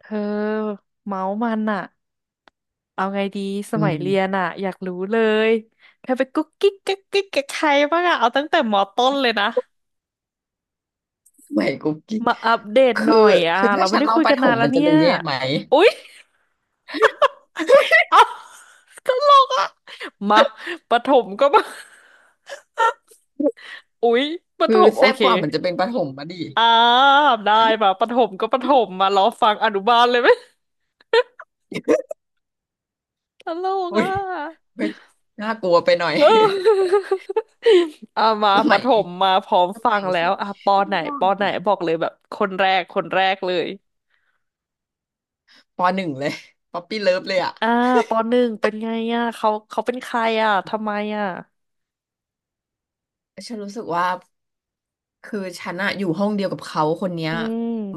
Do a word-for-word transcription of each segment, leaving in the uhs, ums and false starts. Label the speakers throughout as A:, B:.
A: เธอเมาส์มันอะเอาไงดีส
B: อื
A: มัย
B: ม
A: เรียนอะอยากรู้เลยเธอไปกุ๊กกิ๊กกิ๊กกิ๊กกับใครบ้างอะเอาตั้งแต่มอต้นเลยนะ
B: สมัยกุ๊กกิ๊ก
A: มาอัปเดตห
B: คื
A: น่
B: อ
A: อยอะ
B: คือ
A: เรา
B: ถ้า
A: ไม่
B: ฉัน
A: ได้
B: เล่า
A: คุย
B: ป
A: กั
B: ระ
A: น
B: ถ
A: นาน
B: ม
A: แล้
B: มั
A: ว
B: นจะ
A: เนี่
B: ดู
A: ย
B: แย่ไหม
A: อุ๊ย เอาตลกอะมาประถมก็มาอุ๊ยประถ
B: คือ
A: มโอ
B: แซ่บ
A: เค
B: กว่ามันจะเป็นประถมมาดิ
A: อ่าได้มาประถมก็ประถมมารอฟังอนุบาลเลยไหม ตลก
B: อุ้ย
A: อะ
B: อุ้ยน่ากลัวไปหน่อย
A: เออ อ่ะมา
B: ส
A: ป
B: มั
A: ระถ
B: ย
A: มมาพร้อม
B: ส
A: ฟั
B: มั
A: ง
B: ย
A: แล้
B: สั
A: ว
B: ก
A: อ่ะปอ
B: ช่
A: ไหน
B: ว
A: ป
B: ง
A: อไหนบอกเลยแบบคนแรกคนแรกเลย
B: ปหนึ่งเลยป๊อปปี้เลิฟเลยอ่ะ
A: อ่าปอหนึ่งเป็นไงอ่ะเขาเขาเป็นใครอ่ะทำไมอ่ะ
B: ฉันรู้สึกว่าคือฉันอะอยู่ห้องเดียวกับเขาคนเนี้ย
A: อื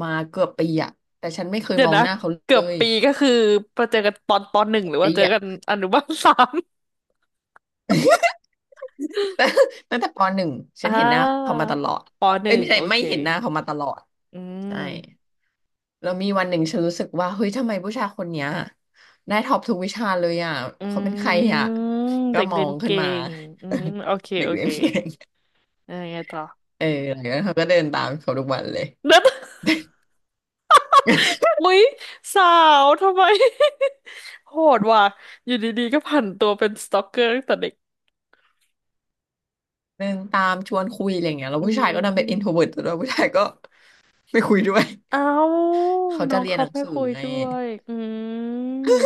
B: มาเกือบปีอะแต่ฉันไม่เคย
A: เดี๋ย
B: ม
A: ว
B: อง
A: นะ
B: หน้าเขา
A: เกื
B: เล
A: อบ
B: ย
A: ปีก็คือมาเจอกันตอนปหนึ่ง
B: เกื
A: ห
B: อบ
A: รือว่า
B: ปี
A: เจอ
B: อะ
A: กัน อนุบาลสาม
B: แต่ตั้งแต่ปหนึ่งฉัน
A: อ่า
B: เห็นหน้าเขามาตลอด
A: ปห
B: เอ้ย
A: นึ่ง
B: ไม่ใช่
A: โอ
B: ไม่
A: เค
B: เห็นหน้าเขามาตลอด
A: อื
B: ใช่
A: ม
B: แล้วมีวันหนึ่งฉันรู้สึกว่าเฮ้ยทำไมผู้ชายคนเนี้ยได้ท็อปทุกวิชาเลยอ่ะ
A: อื
B: เขาเป็นใคร
A: ม
B: อ่ะก็
A: เด็ก
B: ม
A: เรี
B: อ
A: ยน
B: งขึ้น
A: เก่
B: มา
A: งอืมโอเค
B: เด็ก
A: โอ
B: เรี
A: เค
B: ยนเก่ง
A: ยังไงต่อ
B: เออหลังจากนั้นเขาก็เดินตามเขาทุกวันเลย
A: เด็ด อุ๊ยสาวทำไม โหดว่ะอยู่ดีๆก็ผันตัวเป็นสตอกเกอร์ตั้งแต่เด็ก
B: เดินตามชวนคุยอะไรเงี้ยแล้ว
A: อื
B: ผู้ชายก็ดันเป็น i n t r
A: ม
B: o v e r t แล้วผู้ชายก็ไม่คุยด้วย
A: เอ้า
B: เขา
A: น้
B: จะ
A: อง
B: เรียน
A: เขา
B: หนัง
A: ไม่
B: สือ
A: คุย
B: ไง
A: ด้วยอืม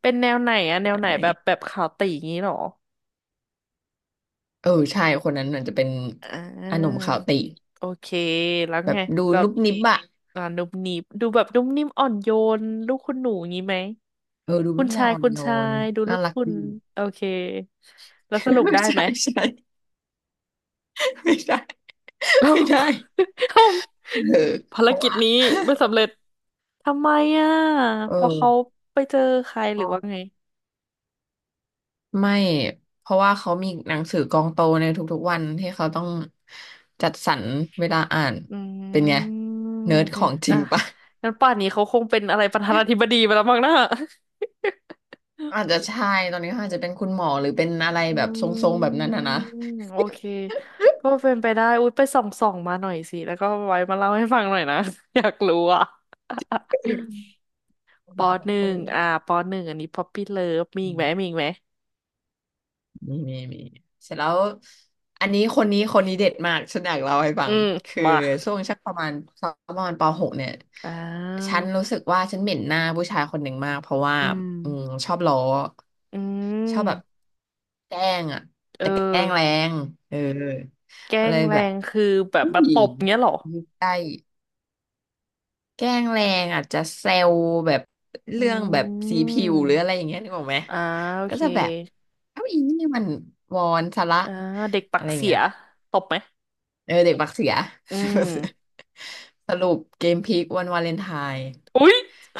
A: เป็นแนวไหนอะแนวไหน
B: ใช่
A: แบบแบบขาวตีงี้เหรอ
B: เออใช่คนนั้นอาจจะเป็น
A: อ่
B: อาหนุ่ม
A: า
B: ขาวติ
A: โอเคแล้ว
B: แบ
A: ไง
B: บดู
A: แล้ว
B: นุบนิบอะ
A: อ่านุ่มนิ่มดูแบบนุ่มนิ่มอ่อนโยนลูกคุณหนูงี้ไหม
B: เออดูเป็
A: คุ
B: น
A: ณ
B: ผู้ชา
A: ชา
B: ย
A: ย
B: อ่อน
A: คุณ
B: โย
A: ชา
B: น
A: ยดูลู
B: น่า
A: ก
B: รัก
A: คุณ
B: ดี
A: โอเคแล้วสรุป ได้ไหม
B: ใช่ใช่ไม่ได้
A: เรา
B: ไม่ได้
A: ท
B: เออ
A: ำภาร
B: เพราะ
A: กิจ
B: ว่า
A: นี้ไม่ สำเร็จทำไมอ่ะ
B: เอ
A: เพอเขา
B: อ
A: ไปเจอใครห
B: อ๋อ
A: รือว่าไง
B: ไม่เพราะว่าเขามีหนังสือกองโตในทุกๆวันที่เขาต้องจัดสรรเวลาอ่าน
A: อืม
B: เป็นไงเนิร์
A: โอ
B: ด
A: เค
B: ของจริ
A: อ่ะ
B: งปะ
A: งั้นป่านนี้เขาคงเป็นอะไรประธานาธิบดีไปแล้วมั้งนะ
B: อาจจะใช่ตอนนี้เขาอาจจะเป็นคุณหมอหรือเป็นอะไร
A: อื
B: แบบทรงๆแบบนั้นนะ
A: ม
B: นะ
A: โอเคก็เป็นไปได้อุ๊ยไปส่องส่องมาหน่อยสิแล้วก็ไว้มาเล่าให้ฟังหน่อยนะ อยากรู้อ่ะ
B: ต้อ
A: ป
B: ง
A: อหนึ่
B: ต้อ
A: ง
B: ง
A: อ่าปอหนึ่งอันนี้ Poppy Love มีอีกไหมมีอีกไหม
B: มีมีมีเสร็จแล้วอันนี้คนนี้คนนี้เด็ดมาก ฉันอยากเล่าให้ฟั
A: อื
B: ง
A: ม
B: คือ
A: มา
B: ช่วงชักประมาณประมาณปหกเนี่ย
A: อ่
B: ฉันรู้สึ
A: า
B: กว่าฉันเหม็นหน้าผู้ชายคนหนึ่งมากเพราะว่า
A: อื
B: อืม
A: ม
B: ชอบล้อ
A: อื
B: ชอบแบบ
A: ม
B: แกล้งอ่ะ
A: เออ
B: แต่แกล้งแรงเออ
A: แกล้
B: เล
A: ง
B: ย
A: แร
B: แบบ
A: งคือแบบ
B: อุ้
A: มา
B: ย
A: ตบเงี้ยเหรอ
B: ยได้ แกล้งแรงอาจจะเซลแบบ
A: อื
B: เรื่องแบบสีผิวหรืออะ
A: ม
B: ไรอย่างเงี้ยนึกออกไหม
A: อ่าโอ
B: ก็
A: เค
B: จะแบบเอ้าอีนี่มันวอนซะละ
A: อ่าเด็กปั
B: อะ
A: ก
B: ไรอย่าง
A: เสี
B: เงี้
A: ย
B: ย
A: ตบไหม
B: เออเด็กบักเสีย
A: อืม
B: สรุปเกมพลิกวันวาเลนไทน์
A: อุ๊ย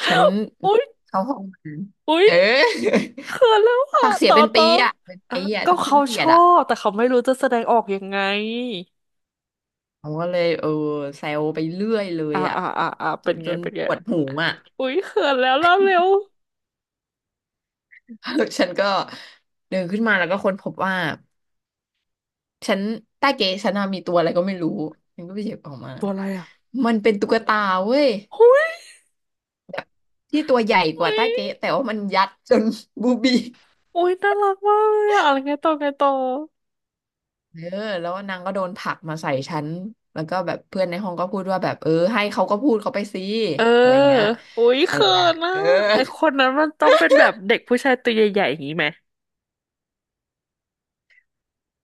B: ฉัน
A: อุ๊ย
B: เข้าห้องน้
A: อุ๊
B: ำ
A: ย
B: เออ
A: เขินแล้ว อ่ะ
B: ปากเสีย
A: ต่อ
B: เป็น
A: ต่
B: ปี
A: อ
B: อ่ะเป็น
A: อ่ะ
B: ปีอ่ะ
A: ก็
B: จนฉั
A: เขา
B: นเกลี
A: ช
B: ยด
A: อ
B: อ่ะ
A: บแต่เขาไม่รู้จะแสดงออกยังไง
B: ผมก็เลยเออเซลไปเรื่อยเลย
A: อ่า
B: อ่ะ
A: อ่าอ่าอ่า
B: จ
A: เป็น
B: นจ
A: ไง
B: น
A: เป็นไง
B: ปวดหูอ่ะ
A: อุ๊ยเขินแล้วเล่าเร็ว
B: ฉันก็เดินขึ้นมาแล้วก็ค้นพบว่า ฉันใต้เก๋ฉันน่ะมีตัวอะไรก็ไม่รู้ฉันก็ไปหยิบออกมา
A: ตัวอะไรอ่ะ
B: มันเป็นตุ๊กตาเว้ย
A: อุ๊ย
B: แบบที่ตัวใหญ่ก
A: อุ๊
B: ว่า
A: ย
B: ใต้เก๋แต่ว่ามันยัดจน บูบี้
A: อุ๊ยน่ารักมากเลยอ่ะอะไรไงต่อไงต่อ
B: เออแล้วนางก็โดนผลักมาใส่ฉันแล้วก็แบบเพื่อนในห้องก็พูดว่าแบบเออให้เขาก็พูดเขาไปสิ
A: เออ
B: อะไรอย่างเงี้ย
A: อุ้ยเขินอ่ะ
B: เอ
A: ไอ
B: อ
A: คนนั้นมันต้องเป็นแบบเด็กผู้ชายตัวใหญ่ๆอย่างนี้ไหม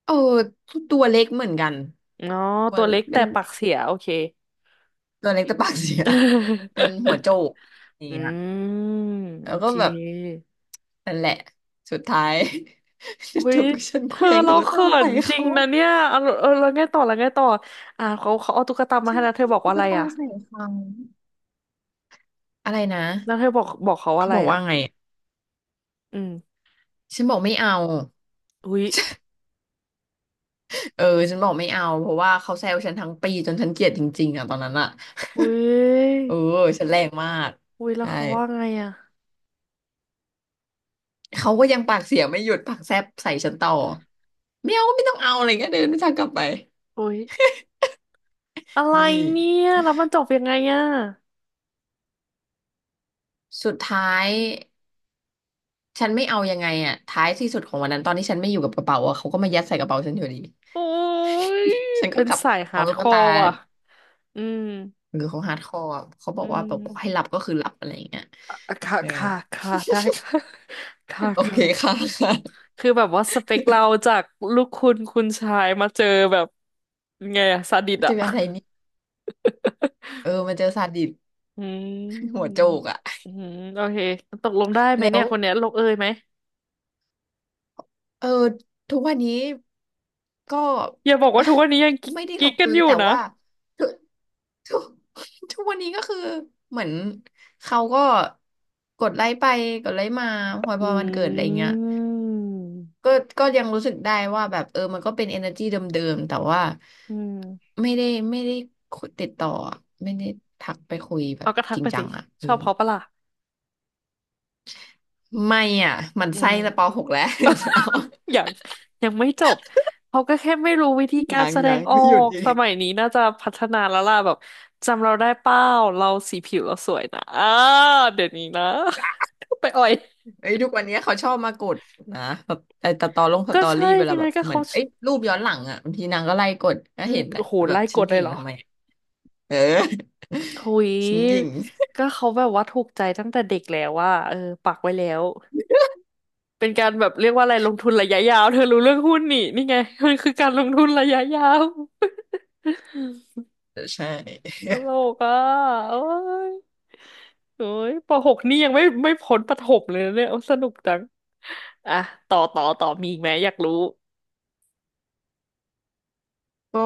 B: เออตัวเล็กเหมือนกัน
A: อ๋อ
B: ตัว
A: ตัวเล็ก
B: เป็
A: แต่
B: น
A: ปากเสียโอเค
B: ตัวเล็กแต่ปากเสีย เป็นหัว โจกอย่าง
A: อื
B: เงี้ย
A: มโอ
B: แล้วก็
A: เค
B: แบบ นั่นแหละสุดท้าย
A: อุ้
B: จ
A: ย
B: บกับฉัน
A: เธ
B: เค
A: อ
B: ว้ง
A: เรา
B: ตุ๊กตา
A: เขิน
B: ใส่
A: จริง
B: เขา
A: นะเนี่ยเอาเออแล้วไงต่อแล้วไงต่ออ่าเขาเขาเอาตุ๊กตามา
B: ฉั
A: ให้
B: น
A: แล้ว
B: เค
A: เธอ
B: ว้
A: บ
B: ง
A: อก
B: ตุ๊
A: ว่า
B: ก
A: อะไร
B: ตา
A: อ่ะ
B: ใส่เขาอะไรนะ
A: แล้วเธอบอกบอกเขาว่า
B: เขา
A: อะไร
B: บอก
A: อ่ะ
B: ว่าไง
A: อืม
B: ฉันบอกไม่เอา
A: อุ้ย
B: เออฉันบอกไม่เอาเพราะว่าเขาแซวฉันทั้งปีจนฉันเกลียดจริงๆอ่ะตอนนั้นอ่ะ
A: อุ้
B: เอ
A: ย
B: อฉันแรงมาก
A: อุ้ยแล้ว
B: ใช่
A: เขาว่าไงอ่ะ
B: เขาก็ยังปากเสียไม่หยุดปากแซบใส่ฉันต่อไม่เอาไม่ต้องเอาอะไรเงี้ยเดินไม่ทางกลับไป
A: อุ้ยอะไร
B: นี่
A: เนี่ยแล้วมันจบยังไงอ่ะ
B: สุดท้ายฉันไม่เอายังไงอ่ะท้ายที่สุดของวันนั้นตอนที่ฉันไม่อยู่กับกระเป๋าอ่ะเขาก็มายัดใส่กระเป๋าฉันอยู่ดี
A: โอ้ย
B: ฉันก็
A: เป็น
B: กลับ
A: สาย
B: ไปพ
A: ฮา
B: ร้อม
A: ร์ด
B: ตุ๊
A: ค
B: ก
A: อ
B: ตา
A: ร์ว่ะอืม
B: หรือเขาฮาร์ดคอร์เขาบอ
A: อื
B: กว่าแบบบอก
A: ม
B: ให้หลับก็คือหลับอะไรอย่างเงี้ย
A: อ่ะค่ะ
B: เออ
A: ค่ะค่ะได้ค่ะ ค่ะ
B: โอเค
A: ค่ะ
B: ค่ะค่ะ
A: คือแบบว่าสเปคเราจากลูกคุณคุณชายมาเจอแบบไงอะซาดิส
B: เจ
A: อะ
B: ออะไรนี่เออมาเจอซาดิส
A: อื
B: หัว
A: ม
B: โจกอ่ะ
A: อืมโอเคตกลงได้ไหมเนี่ยคนเนี้ยลงเอยไหม
B: เออทุกวันนี้ก็
A: อย่าบอกว่าทุกวันนี้ยัง
B: ไม่ได้ล
A: กิ๊ก
B: ง
A: กั
B: เอ
A: น
B: ย
A: อยู่
B: แต่
A: นะ
B: ว่าทุกทุกทุกวันนี้ก็คือเหมือนเขาก็กดไลค์ไปกดไลค์มาพอพ
A: อื
B: อวันเกิดอะไรอย่างเงี้ย
A: ม
B: ก็ก็ยังรู้สึกได้ว่าแบบเออมันก็เป็น energy เดิมๆแต่ว่า
A: อืม
B: ไม่ได้ไม่ได้คุยติดต่ออะไม่ได้ทักไปคุยแบ
A: เอา
B: บ
A: กระทั
B: จ
A: ก
B: ริง
A: ไป
B: จั
A: สิ
B: งอ่ะเอ
A: ช
B: อ
A: อบเขาปะล่ะ
B: ไม่อ่ะหมัน
A: อื
B: ไส้แต่ป
A: ม
B: หกแล้ว
A: อยังยังไม่จบเขาก็แค่ไม่รู้วิธี การ
B: ยัง
A: แสด
B: ยั
A: ง
B: ง
A: ออ
B: ไม่หยุด
A: ก
B: อี
A: ส
B: ก
A: มัยนี้น่าจะพัฒนาแล้วล่ะแบบจำเราได้เป้าเราสีผิวเราสวยนะอ้าเดี๋ยวนี้นะ ไปอ่อย
B: เอ้ยทุกวันนี้เขาชอบมากดนะแบบไอ้ตตอลงส
A: ก็
B: ตอ
A: ใช่
B: รี่เวลาแบ
A: ไง
B: บ
A: ก็
B: เหมือ
A: เขา
B: นเอ้ยรูปย้อนหลังอ่ะบางทีนางก็ไล่กดก็
A: อื
B: เห็
A: ม
B: นแหละ
A: โอ้โห
B: แต่แบบ
A: ไล่ก
B: ฉัน
A: ด
B: ห
A: เล
B: ยิ่
A: ย
B: ง
A: เหรอ
B: ทำไมอะเออ
A: หุย
B: ฉันหยิ่ง
A: ก็เขาแบบว่าถูกใจตั้งแต่เด็กแล้วว่าเออปักไว้แล้วเป็นการแบบเรียกว่าอะไรลงทุนระยะยาวเธอรู้เรื่องหุ้นนี่นี่ไง มันคือการลงทุนระยะยาว
B: ใช่
A: ตลกอ่ะโอ้ยโอ้ยปหกนี่ยังไม่ไม่พ้นประถมเลยนะเนี่ยโอ้สนุกจังอ่ะต่อต่อต่อมีอีกไหมอยากรู้
B: ก็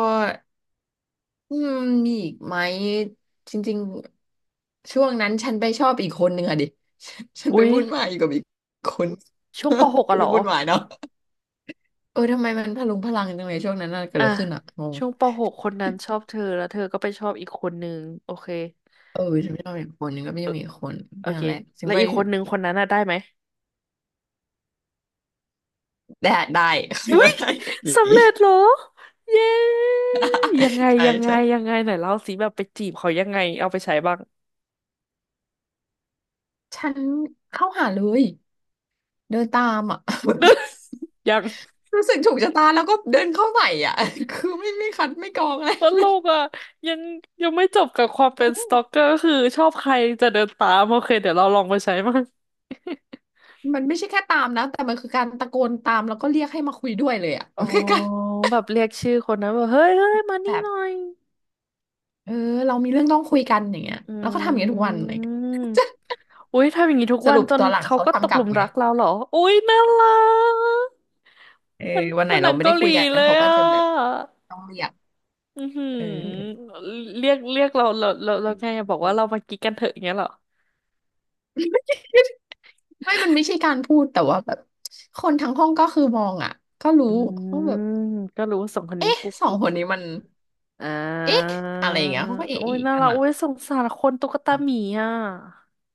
B: อืมมีอีกไหมจริงๆช่วงนั้นฉันไปชอบอีกคนหนึ่งอะดิ ฉันไป
A: อุ๊ย
B: วุ่นวายอยู่กับอีกคน
A: ช่วงปหกอะ เหร
B: ดู
A: อ
B: วุ่นวายเนาะเออทำไมมันพลุงพลังจังเลยช่วงนั้นน่ะเกิดอะ
A: อ่ะ
B: ไรขึ้นอะงง
A: ช่วงปหกคนนั้นชอบเธอแล้วเธอก็ไปชอบอีกคนนึงโอเค
B: เออฉันไม่ชอบอีกคนหนึ่งก็ไม่ชอบอีกคน
A: โอ
B: นั่
A: เค
B: นแหละฉัน
A: แล้ว
B: ไป
A: อีกคนนึงคนนั้นน่ะได้ไหม
B: ได้ได้
A: อุ๊
B: ได้
A: ย
B: ผี
A: สำเร็จเหรอเย้ยังไง
B: ใช่
A: ยังไงยั
B: ใช่
A: งไงไหนเล่าสิแบบไปจีบเขายังไงเอาไปใช้บ้าง
B: ฉันเข้าหาเลยเดินตามอะ
A: ยัง
B: รู้สึกถูกชะตาแล้วก็เดินเข้าใส่อะ คือไม่ไม่คัดไม่กรองอะไร
A: ตลกอ่ะยังยังไม่จบกับความเป็นสตอกเกอร์คือชอบใครจะเดินตามโอเคเดี๋ยวเราลองไปใช้มั้าง
B: มันไม่ใช่แค่ตามนะแต่มันคือการตะโกนตามแล้วก็เรียกให้มาคุยด้วยเลยอ่ะ
A: อ๋อ
B: มันคือการ
A: แบบเรียกชื่อคนนั้นแบบเฮ้ยเฮ้ยมานี่
B: แบ
A: ห
B: บ
A: น่อย
B: เออเรามีเรื่องต้องคุยกันอย่างเงี้ย
A: อื
B: แล้วก็ทำอย่างเงี้ยทุกวันเลย
A: มอุ้ยทำอย่างนี้ทุก
B: ส
A: วั
B: รุ
A: น
B: ป
A: จ
B: ต
A: น
B: อนหลัง
A: เขา
B: เขา
A: ก็ต
B: ทำ
A: ก
B: กลั
A: ห
B: บ
A: ลุม
B: ไง
A: รักเราเหรออุ้ยน่ารัก
B: เออ
A: มัน
B: วันไหน
A: มันห
B: เรา
A: นัง
B: ไม่
A: เกา
B: ได้
A: ห
B: คุ
A: ลี
B: ยกั
A: เล
B: น
A: ย
B: เขาก็
A: อ่
B: จะแบบ
A: ะ
B: ต้องเรียก
A: อือหื
B: เออ
A: อเรียกเรียกเราเราเราเราไงอะบอกว่าเรามากิ๊กกันเถอะอย่างเงี้ยเหรอ
B: ไม่มันไม่ใช่การพูดแต่ว่าแบบคนทั้งห้องก็คือมองอ่ะก็รู้
A: อื
B: ว่าแบ
A: ม
B: บ
A: ก็รู้ว่าสองคนนี้
B: เอ๊ะ
A: กุ๊
B: สอง
A: ก
B: คนนี้มัน
A: อ่
B: เอ๊ะ
A: า
B: อะไรอย่างเงี้ยเขาก็เอ๊ะ
A: โอ้ย
B: อีก
A: น่า
B: อั
A: รั
B: น
A: ก
B: อ่ะ
A: โอ้ยสงสารคนตุ๊กตาหมีอ่ะ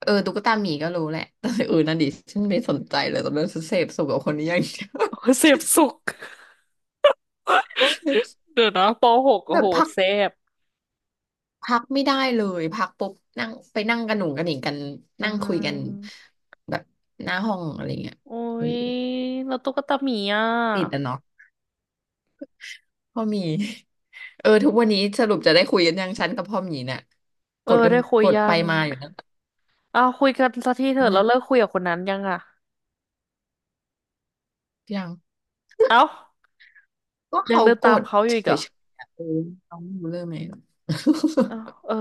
B: เออตุ๊กตาหมีก็รู้แหละ แต่อื่นนั่นดิฉันไม่สนใจเลยตอนนั้นฉันเสพสุขกับคนนี้อย่างเดียว
A: โอ้ยเสพสุขเดี๋ยวนะปหก โอ้
B: แบบ
A: โห
B: พัก
A: เสพ
B: พักไม่ได้เลยพักปุ๊บนั่งไปนั่งกันหนุ่งกันหนิงกัน
A: อ่
B: นั่งคุยกัน
A: า
B: แบบหน้าห้องอะไรเงี้ย
A: โอ้
B: เออ
A: ยแล้วตุ๊กตาหมีอ่ะ
B: ติดอ่ะเนาะพ่อหมี เออทุกวันนี้สรุปจะได้คุยกันยังฉันกับพ่อหมีเนี่ย
A: เอ
B: ก
A: อ
B: ดกัน
A: ได้คุย
B: กด
A: ยั
B: ไป
A: ง
B: มาอยู่นะ
A: อ้าวคุยกันสักทีเถอะแล้วเลิก
B: ไม่
A: คุยกับคนนั้นยังอ่ะ
B: ยัง
A: เอ้า
B: ก็
A: ยัง
B: เขา
A: เดิน
B: ก
A: ตาม
B: ด
A: เขาอ
B: เฉ
A: ยู่อีกเหรอ
B: ยๆอะเออน้องรู้เรื่องไหม
A: เอ้า เออ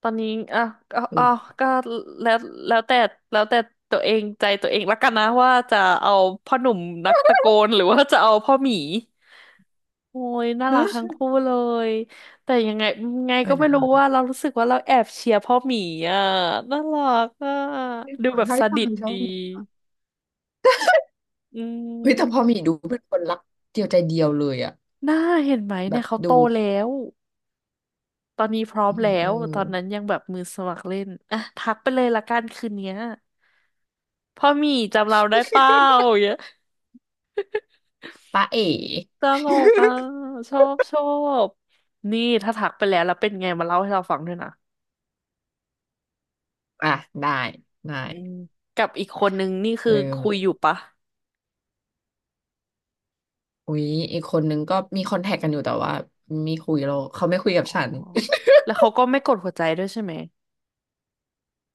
A: ตอนนี้อ่ะเอา
B: ตล
A: เอา
B: ก
A: ว ก็แล้ว แล้วแต่ แล้วแต่ตัวเองใจตัวเองละกันนะว่าจะเอาพ่อหนุ่มนักตะโกนหรือว่าจะเอาพ่อหมี โอ้ยน่ารักทั้ง
B: เ
A: คู่เลยแต่ยังไงไง
B: ออ
A: ก็
B: เดี๋
A: ไม่
B: ยว
A: รู้ว่า
B: นะ
A: เรารู้สึกว่าเราแอบเชียร์พ่อหมีอ่ะน่ารักอ่ะดู
B: ขอ
A: แบบ
B: เท่า
A: ส
B: ที่ฟั
A: ดิต
B: งชอ
A: ดี
B: บ
A: อื
B: เฮ้ยแต่พอ
A: ม
B: หมีดูเป็นคนรักเดียวใจเดียวเลยอะ
A: น่าเห็นไหม
B: แบ
A: เนี่
B: บ
A: ยเขา
B: ดู
A: โตแล้วตอนนี้พร้อ
B: อื
A: ม
B: ม
A: แล้
B: เออ
A: วตอนนั้นยังแบบมือสมัครเล่นอ่ะทักไปเลยละกันคืนเนี้ยพ่อหมีจำเราได้เปล่าอย่างเงี้ย
B: ป้าเอ๋
A: ตลกอ่ะชอบชอบนี่ถ้าทักไปแล้วแล้วเป็นไงมาเล่าให้เราฟังด้วยนะ
B: อ่ะได้ได้
A: อืมกับอีกคนนึงนี่คือ
B: เริ่ม
A: คุยอยู่ปะ
B: อุ๊ยอีกคนนึงก็มีคอนแทคกันอยู่แต่ว่าไมีคุยเราเขาไม่คุ
A: อ๋อ
B: ยกับฉัน
A: แล้วเขาก็ไม่กดหัวใจด้วยใช่ไหม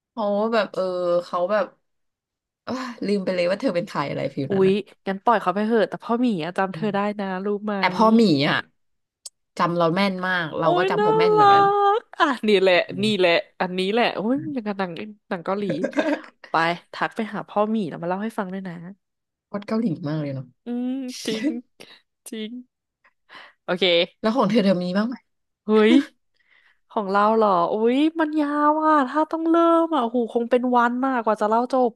B: เขาะว่าแบบเออเขาแบบ อ่ะลืมไปเลยว่าเธอเป็นใครอะไรฟิล
A: อุ๊
B: นั้น
A: ย
B: นะ
A: งั้นปล่อยเขาไปเถอะแต่พ่อหมีอะจำเธ
B: อื
A: อ
B: ม
A: ได้นะรู้ไหม
B: แต่พอหมีอ่ะจำเราแม่นมากเรา
A: โอ้
B: ก็
A: ย
B: จำ
A: น่า
B: เขาแม่นเหมื
A: รั
B: อนกัน
A: กอ่ะนี่แหละ
B: อืม
A: นี่แหละอันนี้แหละโอ้ยอย่างกับหนังหนังเกาหลีไป ทักไปหาพ่อหมีแล้วมาเล่าให้ฟังด้วยนะ
B: โคตเกาหลีมากเลยเนาะ
A: อืมจริงจริงโอ
B: แล้
A: เค
B: วของเธอเธอมีบ้างไหม
A: เฮ้ยของเราเหรออุ๊ยมันยาวอ่ะถ้าต้องเริ่มอ่ะโอ้โหคงเป็นวันมากกว่าจะเล่าจบ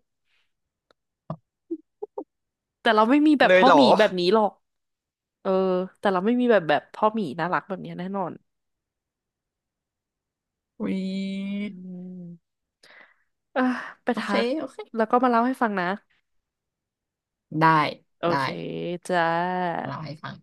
A: แต่เราไม่มีแบบ
B: เลย
A: พ่อ
B: เหร
A: ห
B: อ
A: มีแบบนี้หรอกเออแต่เราไม่มีแบบแบบพ่อหมีน่ารักแบบนี้แน่นอน
B: อุ๊ย
A: อืมอ่ะไป
B: โอเค
A: ทัก
B: โอเค
A: แล้วก็มาเล่าให้ฟังนะ
B: ได้
A: โอ
B: ได้
A: เคจ้า
B: เล่าให้ฟัง